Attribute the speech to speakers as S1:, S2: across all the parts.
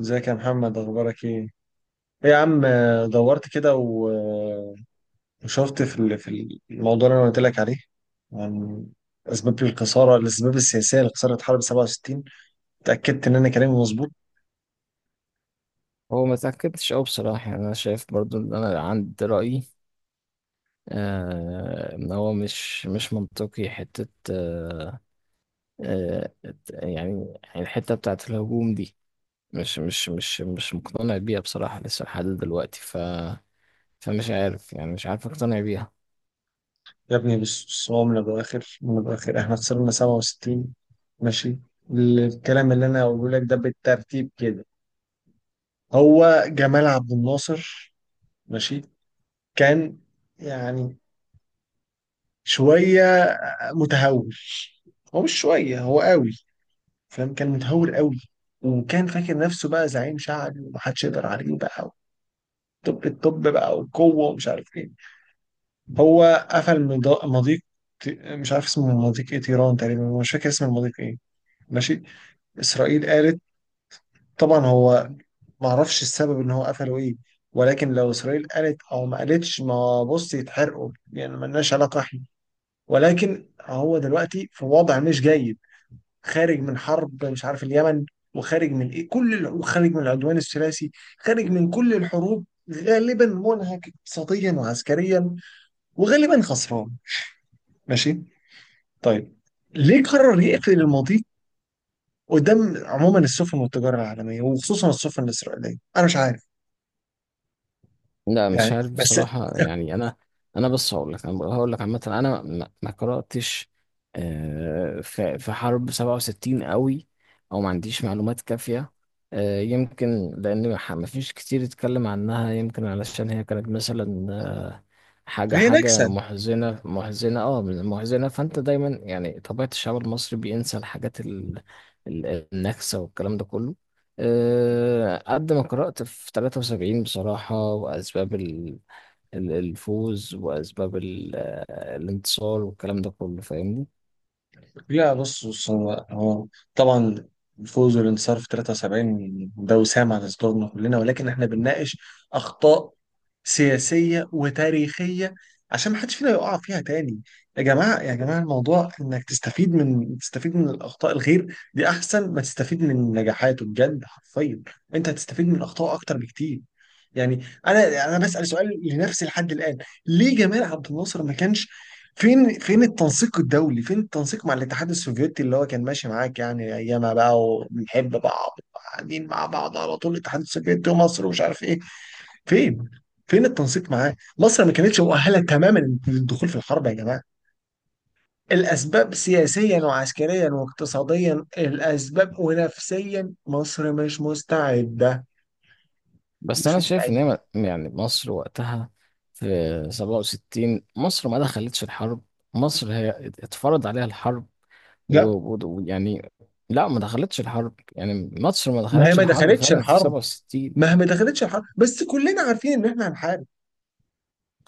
S1: ازيك يا محمد، اخبارك ايه؟ ايه يا عم، دورت كده وشفت في الموضوع اللي انا قلت لك عليه، عن اسباب الخساره، الاسباب السياسيه لخساره حرب 67. اتاكدت ان انا كلامي مظبوط.
S2: هو ما تأكدتش أوي بصراحة، يعني أنا شايف برضو إن أنا عندي رأيي. إن هو مش منطقي حتة. آه يعني الحتة بتاعة الهجوم دي، مش مقتنع بيها بصراحة لسه لحد دلوقتي. فمش عارف، يعني مش عارف أقتنع بيها.
S1: يا ابني، بص، هو من الاخر من الاخر احنا خسرنا 67. ماشي، الكلام اللي انا هقوله لك ده بالترتيب كده. هو جمال عبد الناصر، ماشي، كان يعني شويه متهور. هو مش شويه، هو قوي، فاهم، كان متهور قوي. وكان فاكر نفسه بقى زعيم شعبي ومحدش يقدر عليه بقى، الطب بقى والقوه ومش عارف ايه. هو قفل مضيق، مش عارف اسمه مضيق ايه، تيران تقريبا، مش فاكر اسم المضيق ايه. ماشي، اسرائيل قالت، طبعا هو ما اعرفش السبب ان هو قفله ايه، ولكن لو اسرائيل قالت او ما قالتش، ما بص يتحرقوا يعني، ملناش علاقه احنا. ولكن هو دلوقتي في وضع مش جيد، خارج من حرب مش عارف اليمن، وخارج من ايه، كل وخارج من العدوان الثلاثي، خارج من كل الحروب، غالبا منهك اقتصاديا وعسكريا، وغالبا خسران. ماشي، طيب، ليه قرر يقفل المضيق قدام عموما السفن والتجاره العالميه وخصوصا السفن الاسرائيليه؟ انا مش عارف
S2: لا مش
S1: يعني.
S2: عارف
S1: بس،
S2: بصراحة، يعني أنا بص هقول لك، أنا هقول لك عامة. أنا ما قرأتش في حرب 67 قوي، أو ما عنديش معلومات كافية. يمكن لأن ما فيش كتير اتكلم عنها، يمكن علشان هي كانت مثلا حاجة
S1: فهي نكسه.
S2: حاجة محزنة محزنة أه محزنة. فأنت دايما يعني طبيعة الشعب المصري بينسى النكسة والكلام ده كله. قد ما قرأت في 73 بصراحة، وأسباب الفوز، وأسباب الانتصار والكلام ده كله، فاهمني؟
S1: لا بص، هو طبعا الفوز والانتصار في 73 ده وسام على صدورنا كلنا، ولكن احنا بنناقش اخطاء سياسيه وتاريخيه عشان ما حدش فينا يقع فيها تاني. يا جماعه يا جماعه، الموضوع انك تستفيد من الاخطاء الغير دي احسن ما تستفيد من نجاحاته، بجد حرفيا، انت هتستفيد من الاخطاء اكتر بكتير. يعني انا بسال سؤال لنفسي لحد الان، ليه جمال عبد الناصر ما كانش، فين فين التنسيق الدولي، فين التنسيق مع الاتحاد السوفيتي اللي هو كان ماشي معاك يعني ايامها بقى، وبنحب بعض، قاعدين مع بعض على طول، الاتحاد السوفيتي ومصر ومش عارف ايه. فين فين التنسيق معاه؟ مصر ما كانتش مؤهله تماما للدخول في الحرب يا جماعه. الاسباب سياسيا وعسكريا واقتصاديا، الاسباب، ونفسيا مصر مش مستعده،
S2: بس
S1: مش
S2: أنا شايف إن هي
S1: مستعده.
S2: يعني مصر وقتها في 67 مصر ما دخلتش الحرب، مصر هي اتفرض عليها الحرب.
S1: لا،
S2: ويعني لا، ما دخلتش الحرب، يعني مصر ما
S1: ما هي
S2: دخلتش
S1: ما
S2: الحرب
S1: دخلتش
S2: فعلا في
S1: الحرب،
S2: 67.
S1: ما هي ما دخلتش الحرب بس كلنا عارفين ان احنا هنحارب،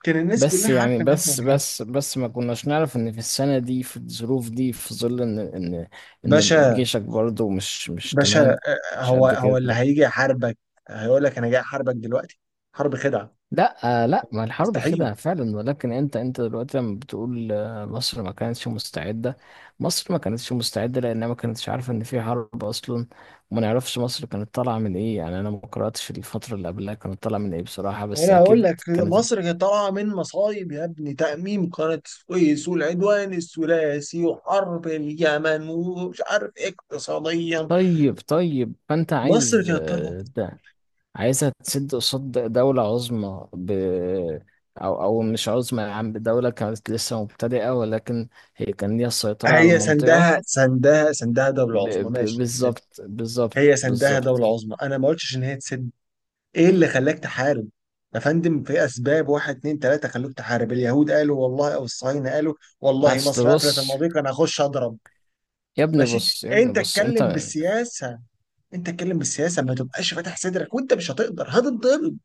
S1: كان الناس
S2: بس
S1: كلها عارفه
S2: يعني
S1: ان احنا
S2: بس
S1: هنحارب.
S2: بس بس ما كناش نعرف ان في السنة دي، في الظروف دي، في ظل ان
S1: باشا،
S2: جيشك برضو مش
S1: باشا،
S2: تمام، مش
S1: هو
S2: قد
S1: هو اللي
S2: كده.
S1: هيجي يحاربك؟ هيقول لك انا جاي احاربك دلوقتي؟ حرب خدعه،
S2: لا لا، ما الحرب
S1: مستحيل.
S2: خدعة فعلا، ولكن انت دلوقتي لما بتقول مصر ما كانتش مستعدة، مصر ما كانتش مستعدة لانها ما كانتش عارفة ان في حرب اصلا، وما نعرفش مصر كانت طالعة من ايه. يعني انا ما قرأتش الفترة اللي قبلها كانت طالعة من ايه بصراحة، بس
S1: انا هقول
S2: اكيد
S1: لك،
S2: كانت.
S1: مصر كانت طالعه من مصايب يا ابني، تأميم قناه السويس والعدوان الثلاثي وحرب اليمن ومش عارف اقتصاديا،
S2: طيب فانت
S1: مصر
S2: عايز
S1: كانت طالعه.
S2: عايزة تسد قصاد دولة عظمى، ب... أو أو مش عظمى يا عم، دولة كانت لسه مبتدئة، ولكن هي كان ليها السيطرة على
S1: هي
S2: المنطقة.
S1: سندها دوله عظمى، ماشي،
S2: بالظبط بالظبط
S1: هي سندها دوله
S2: بالظبط
S1: عظمى، انا ما قلتش ان هي تسد. ايه اللي خلاك تحارب؟ يا فندم، في اسباب، واحد اتنين تلاته، خلوك تحارب. اليهود قالوا والله، او الصهاينه قالوا والله،
S2: أصل
S1: مصر قفلت
S2: بص،
S1: المضيق، انا هخش اضرب.
S2: يا ابني
S1: ماشي،
S2: بص يا ابني
S1: انت
S2: بص أنت.
S1: اتكلم بالسياسه، انت اتكلم بالسياسه، ما تبقاش فاتح صدرك وانت مش هتقدر، هتتضرب،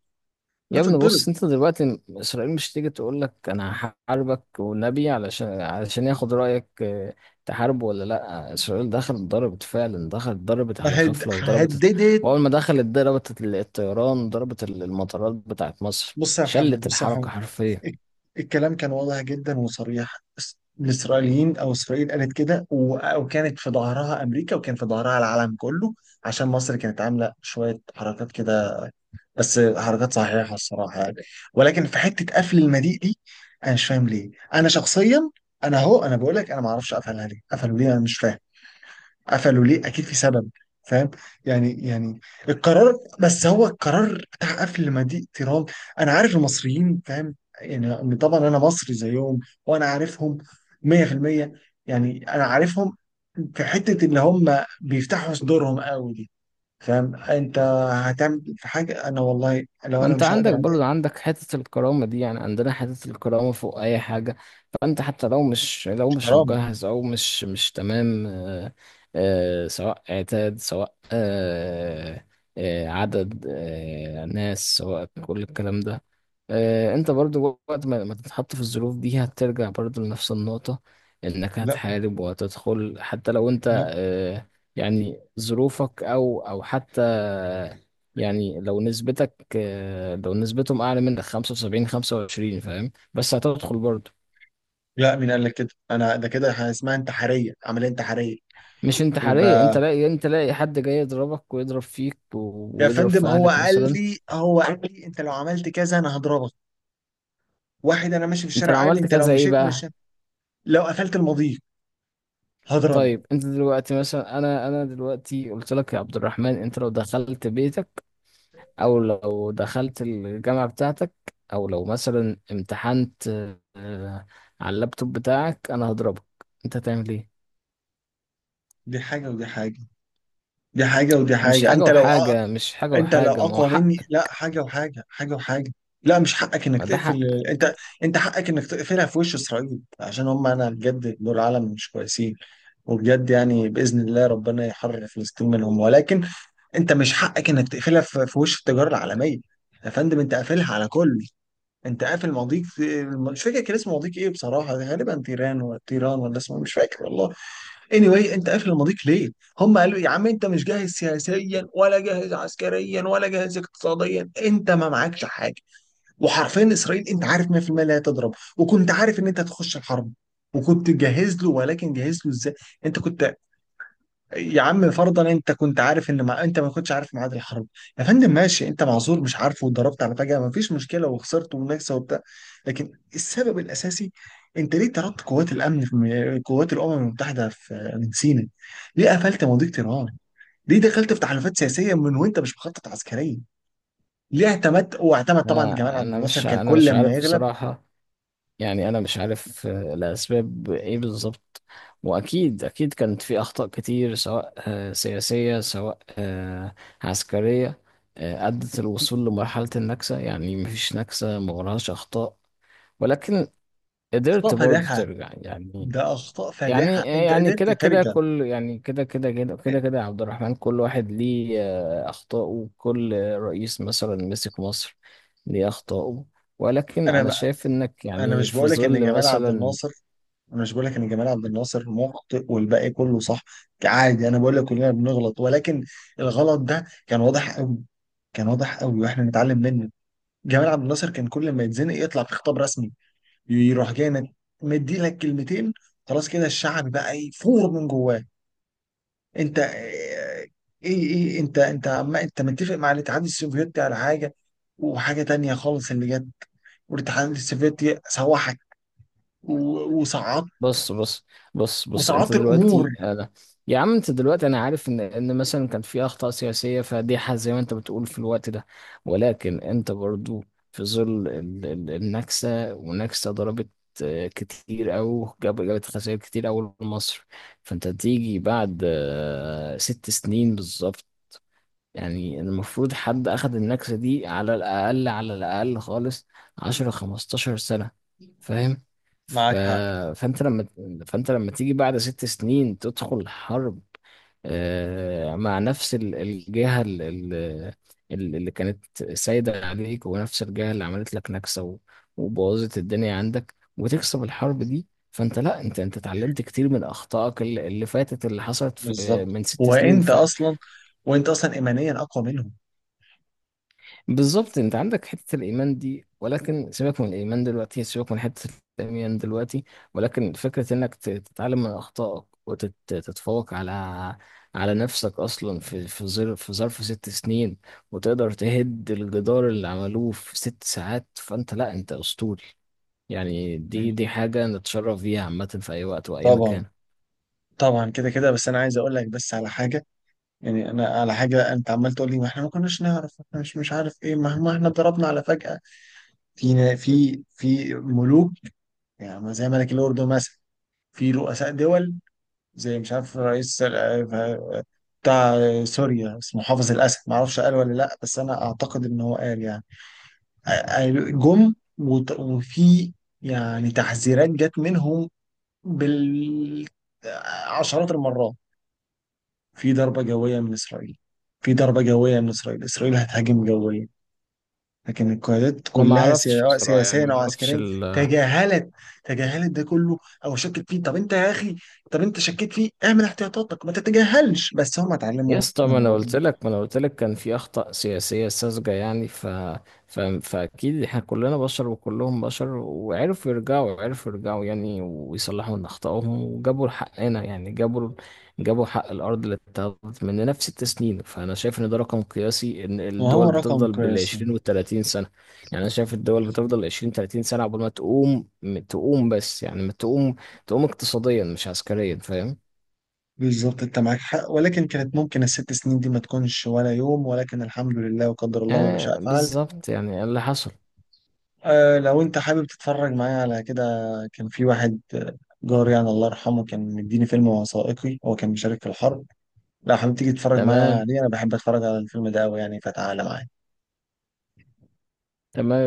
S2: يا ابني
S1: هتتضرب.
S2: بص، انت دلوقتي اسرائيل مش تيجي تقول لك انا هحاربك والنبي علشان ياخد رايك. اه، تحارب ولا لا؟ اسرائيل دخلت ضربت فعلا، دخلت ضربت
S1: ما
S2: على
S1: هد...
S2: غفله وضربت.
S1: هددت.
S2: واول ما دخلت ضربت الطيران، ضربت المطارات بتاعت مصر،
S1: بص يا محمد،
S2: شلت
S1: بص يا محمد،
S2: الحركه حرفيا.
S1: ال- الكلام كان واضح جدا وصريح. الاسرائيليين او اسرائيل قالت كده، وكانت في ظهرها امريكا وكان في ظهرها العالم كله. عشان مصر كانت عامله شويه حركات كده، بس حركات صحيحة الصراحة يعني، ولكن في حتة قفل المضيق دي أنا مش فاهم ليه، أنا شخصيا. أنا أهو، أنا بقول لك أنا ما أعرفش قفلها ليه، قفلوا ليه؟ أنا مش فاهم. قفلوا ليه؟ أكيد في سبب، فاهم. يعني يعني، القرار، بس هو القرار بتاع قفل مضيق تيران. أنا عارف المصريين، فاهم، يعني إن طبعا أنا مصري زيهم، وأنا عارفهم 100%، يعني أنا عارفهم. في حتة اللي هم بيفتحوا صدورهم قوي دي، فاهم انت، هتعمل في حاجه انا والله لو
S2: ما
S1: انا
S2: انت
S1: مش هقدر
S2: عندك
S1: عليها.
S2: برضه، عندك حتة الكرامة دي، يعني عندنا حتة الكرامة فوق أي حاجة. فأنت حتى لو مش،
S1: مش كرامه.
S2: مجهز، أو مش تمام، سواء عتاد، سواء عدد، ناس، سواء كل الكلام ده. انت برضه وقت ما تتحط في الظروف دي هترجع برضه لنفس النقطة، انك
S1: لا،
S2: هتحارب وهتدخل حتى لو انت
S1: لا،
S2: آه، يعني ظروفك، او حتى يعني لو نسبتك لو نسبتهم اعلى منك 75-25، فاهم؟ بس هتدخل برضه.
S1: لا، مين قال لك كده؟ انا ده كده اسمها انتحاريه، عمليه انتحاريه.
S2: مش انتحارية،
S1: يبقى،
S2: انت لاقي حد جاي يضربك ويضرب فيك
S1: يا
S2: ويضرب
S1: فندم،
S2: في اهلك مثلا.
S1: هو قال لي، انت لو عملت كذا انا هضربك. واحد انا ماشي في
S2: انت لو
S1: الشارع قال لي
S2: عملت
S1: انت لو
S2: كذا ايه
S1: مشيت مش،
S2: بقى؟
S1: لو قفلت المضيق هضربك.
S2: طيب انت دلوقتي مثلا، انا دلوقتي قلت لك يا عبد الرحمن انت لو دخلت بيتك، او لو دخلت الجامعة بتاعتك، او لو مثلا امتحنت آه، على اللابتوب بتاعك، انا هضربك، انت هتعمل ايه؟
S1: دي حاجه ودي حاجه، دي حاجه ودي حاجه،
S2: مش حاجة
S1: انت لو
S2: وحاجة، ما هو
S1: اقوى
S2: حق،
S1: مني. لا، حاجه وحاجه، حاجه وحاجه. لا، مش حقك انك
S2: ما ده
S1: تقفل.
S2: حق.
S1: انت انت حقك انك تقفلها في وش اسرائيل عشان هم، انا بجد دول عالم مش كويسين، وبجد يعني باذن الله ربنا يحرر فلسطين منهم، ولكن انت مش حقك انك تقفلها في وش التجاره العالميه. يا فندم انت قافلها على كل، انت قافل مضيق، مش فاكر كان اسمه مضيق ايه بصراحه، غالبا تيران ولا تيران ولا اسمه مش فاكر والله. anyway، انت قافل المضيق ليه؟ هم قالوا إيه؟ يا عم انت مش جاهز سياسيا، ولا جاهز عسكريا، ولا جاهز اقتصاديا، انت ما معكش حاجه. وحرفيا اسرائيل انت عارف 100% لا تضرب، وكنت عارف ان انت هتخش الحرب، وكنت جاهز له، ولكن جاهز له ازاي؟ انت كنت، يا عم فرضا انت كنت عارف ان انت ما كنتش عارف ميعاد الحرب، يا فندم ماشي، انت معذور مش عارفه، واتضربت على فجأة، ما فيش مشكلة، وخسرت ومناكسة وبتاع. لكن السبب الاساسي، انت ليه طردت قوات الامن في قوات الامم المتحدة في، من سيناء؟ ليه قفلت مضيق طيران؟ ليه دخلت في تحالفات سياسية من وانت مش مخطط عسكريا؟ ليه اعتمدت، واعتمد طبعا جمال
S2: انا
S1: عبد
S2: انا
S1: الناصر
S2: مش
S1: كان
S2: انا
S1: كل
S2: مش
S1: لما
S2: عارف
S1: يغلب.
S2: بصراحة، يعني انا مش عارف الاسباب ايه بالظبط. واكيد كانت في اخطاء كتير، سواء سياسية، سواء عسكرية، ادت الوصول لمرحلة النكسة. يعني مفيش نكسة ما وراهاش اخطاء، ولكن قدرت
S1: اخطاء
S2: برضو
S1: فادحة،
S2: ترجع يعني.
S1: ده اخطاء
S2: يعني
S1: فادحة، انت
S2: يعني
S1: قدرت
S2: كده كده
S1: ترجع.
S2: كل يعني كده كده كده كده كده يا عبد الرحمن، كل واحد ليه أخطاءه. كل رئيس مثلا مسك مصر ليه أخطاءه. ولكن أنا
S1: انا
S2: شايف إنك
S1: انا
S2: يعني
S1: مش
S2: في
S1: بقول لك ان
S2: ظل
S1: جمال عبد
S2: مثلا.
S1: الناصر، انا مش بقول لك ان جمال عبد الناصر مخطئ والباقي كله صح، عادي، انا بقول لك كلنا بنغلط، ولكن الغلط ده كان واضح قوي، كان واضح قوي واحنا نتعلم منه. جمال عبد الناصر كان كل ما يتزنق يطلع في خطاب رسمي، يروح جاي مدي لك كلمتين، خلاص كده الشعب بقى يفور من جواه. انت، ايه انت عم انت متفق مع الاتحاد السوفيتي على حاجه، وحاجه تانية خالص اللي جت، والاتحاد السوفيتي سوحك، وصعد،
S2: بص بص بص انت
S1: وصعدت الامور.
S2: دلوقتي انا، يا عم انت دلوقتي انا عارف ان مثلا كان في اخطاء سياسيه فادحه زي ما انت بتقول في الوقت ده، ولكن انت برضو في ظل النكسه، ونكسه ضربت كتير، او جابت خسائر كتير أوي لمصر. فانت تيجي بعد 6 سنين بالظبط، يعني المفروض حد أخد النكسة دي على الأقل، خالص 10 15 سنة، فاهم؟ ف...
S1: معاك حق،
S2: فأنت لما فأنت لما تيجي بعد 6 سنين تدخل حرب مع نفس الجهة، اللي كانت سايدة عليك، ونفس الجهة اللي عملت لك نكسة وبوظت الدنيا عندك، وتكسب الحرب دي. فانت لا، انت اتعلمت كتير من اخطائك اللي فاتت، اللي حصلت في
S1: بالظبط.
S2: من 6 سنين.
S1: وانت اصلا ايمانيا اقوى منهم.
S2: بالظبط، انت عندك حته الايمان دي، ولكن سيبك من الايمان دلوقتي، سيبك من حته الايمان دلوقتي. ولكن فكره انك تتعلم من اخطائك وتتفوق على نفسك اصلا، في ظرف، 6 سنين، وتقدر تهد الجدار اللي عملوه في 6 ساعات. فانت لا، انت اسطوري، يعني دي
S1: مم.
S2: دي حاجه نتشرف بيها عامه في اي وقت واي
S1: طبعا،
S2: مكان.
S1: طبعا، كده كده، بس انا عايز اقول لك بس على حاجه، يعني انا على حاجه. انت عمال تقول لي ما احنا ما كناش نعرف، احنا مش، مش عارف ايه ما احنا ضربنا على فجاه. في في ملوك، يعني زي ملك الاردن مثلا، في رؤساء دول، زي مش عارف رئيس بتاع سوريا، اسمه حافظ الاسد، ما اعرفش قال ولا لا، بس انا اعتقد ان هو قال يعني. جم وفي يعني تحذيرات جت منهم بالعشرات المرات، في ضربة جوية من إسرائيل، في ضربة جوية من إسرائيل، إسرائيل هتهاجم جويا. لكن القيادات
S2: انا ما
S1: كلها
S2: اعرفش
S1: سواء
S2: بصراحه، يعني
S1: سياسيا
S2: ما
S1: أو
S2: اعرفش.
S1: عسكريا تجاهلت تجاهلت ده كله، أو شكت فيه. طب أنت يا أخي، طب أنت شكيت فيه اعمل احتياطاتك، ما تتجاهلش. بس هم
S2: يا
S1: اتعلموا
S2: اسطى، ما
S1: من
S2: انا
S1: غلطهم،
S2: قلت لك ما انا قلت لك كان في اخطاء سياسيه ساذجه. يعني فاكيد احنا كلنا بشر، وكلهم بشر، وعرفوا يرجعوا عرفوا يرجعوا يعني، ويصلحوا من اخطائهم، وجابوا حقنا. يعني جابوا حق الارض اللي اتاخدت مننا في 6 سنين. فانا شايف ان ده رقم قياسي، ان الدول
S1: وهو رقم
S2: بتفضل
S1: قياسي.
S2: بالـ20 والـ30 سنة. يعني انا شايف الدول بتفضل 20 30 سنة قبل ما تقوم، تقوم بس يعني ما تقوم تقوم اقتصاديا مش عسكريا، فاهم؟
S1: بالظبط انت معاك حق، ولكن كانت ممكن الست سنين دي ما تكونش ولا يوم، ولكن الحمد لله، وقدر الله ما شاء
S2: يعني
S1: فعل.
S2: بالظبط، يعني اللي حصل.
S1: آه، لو انت حابب تتفرج معايا على كده، كان في واحد جاري يعني الله يرحمه، كان مديني فيلم وثائقي، هو كان مشارك في الحرب. لو حابب تيجي تتفرج معايا
S2: تمام
S1: عليه، انا بحب اتفرج على الفيلم ده قوي يعني، فتعالى معايا.
S2: تمام.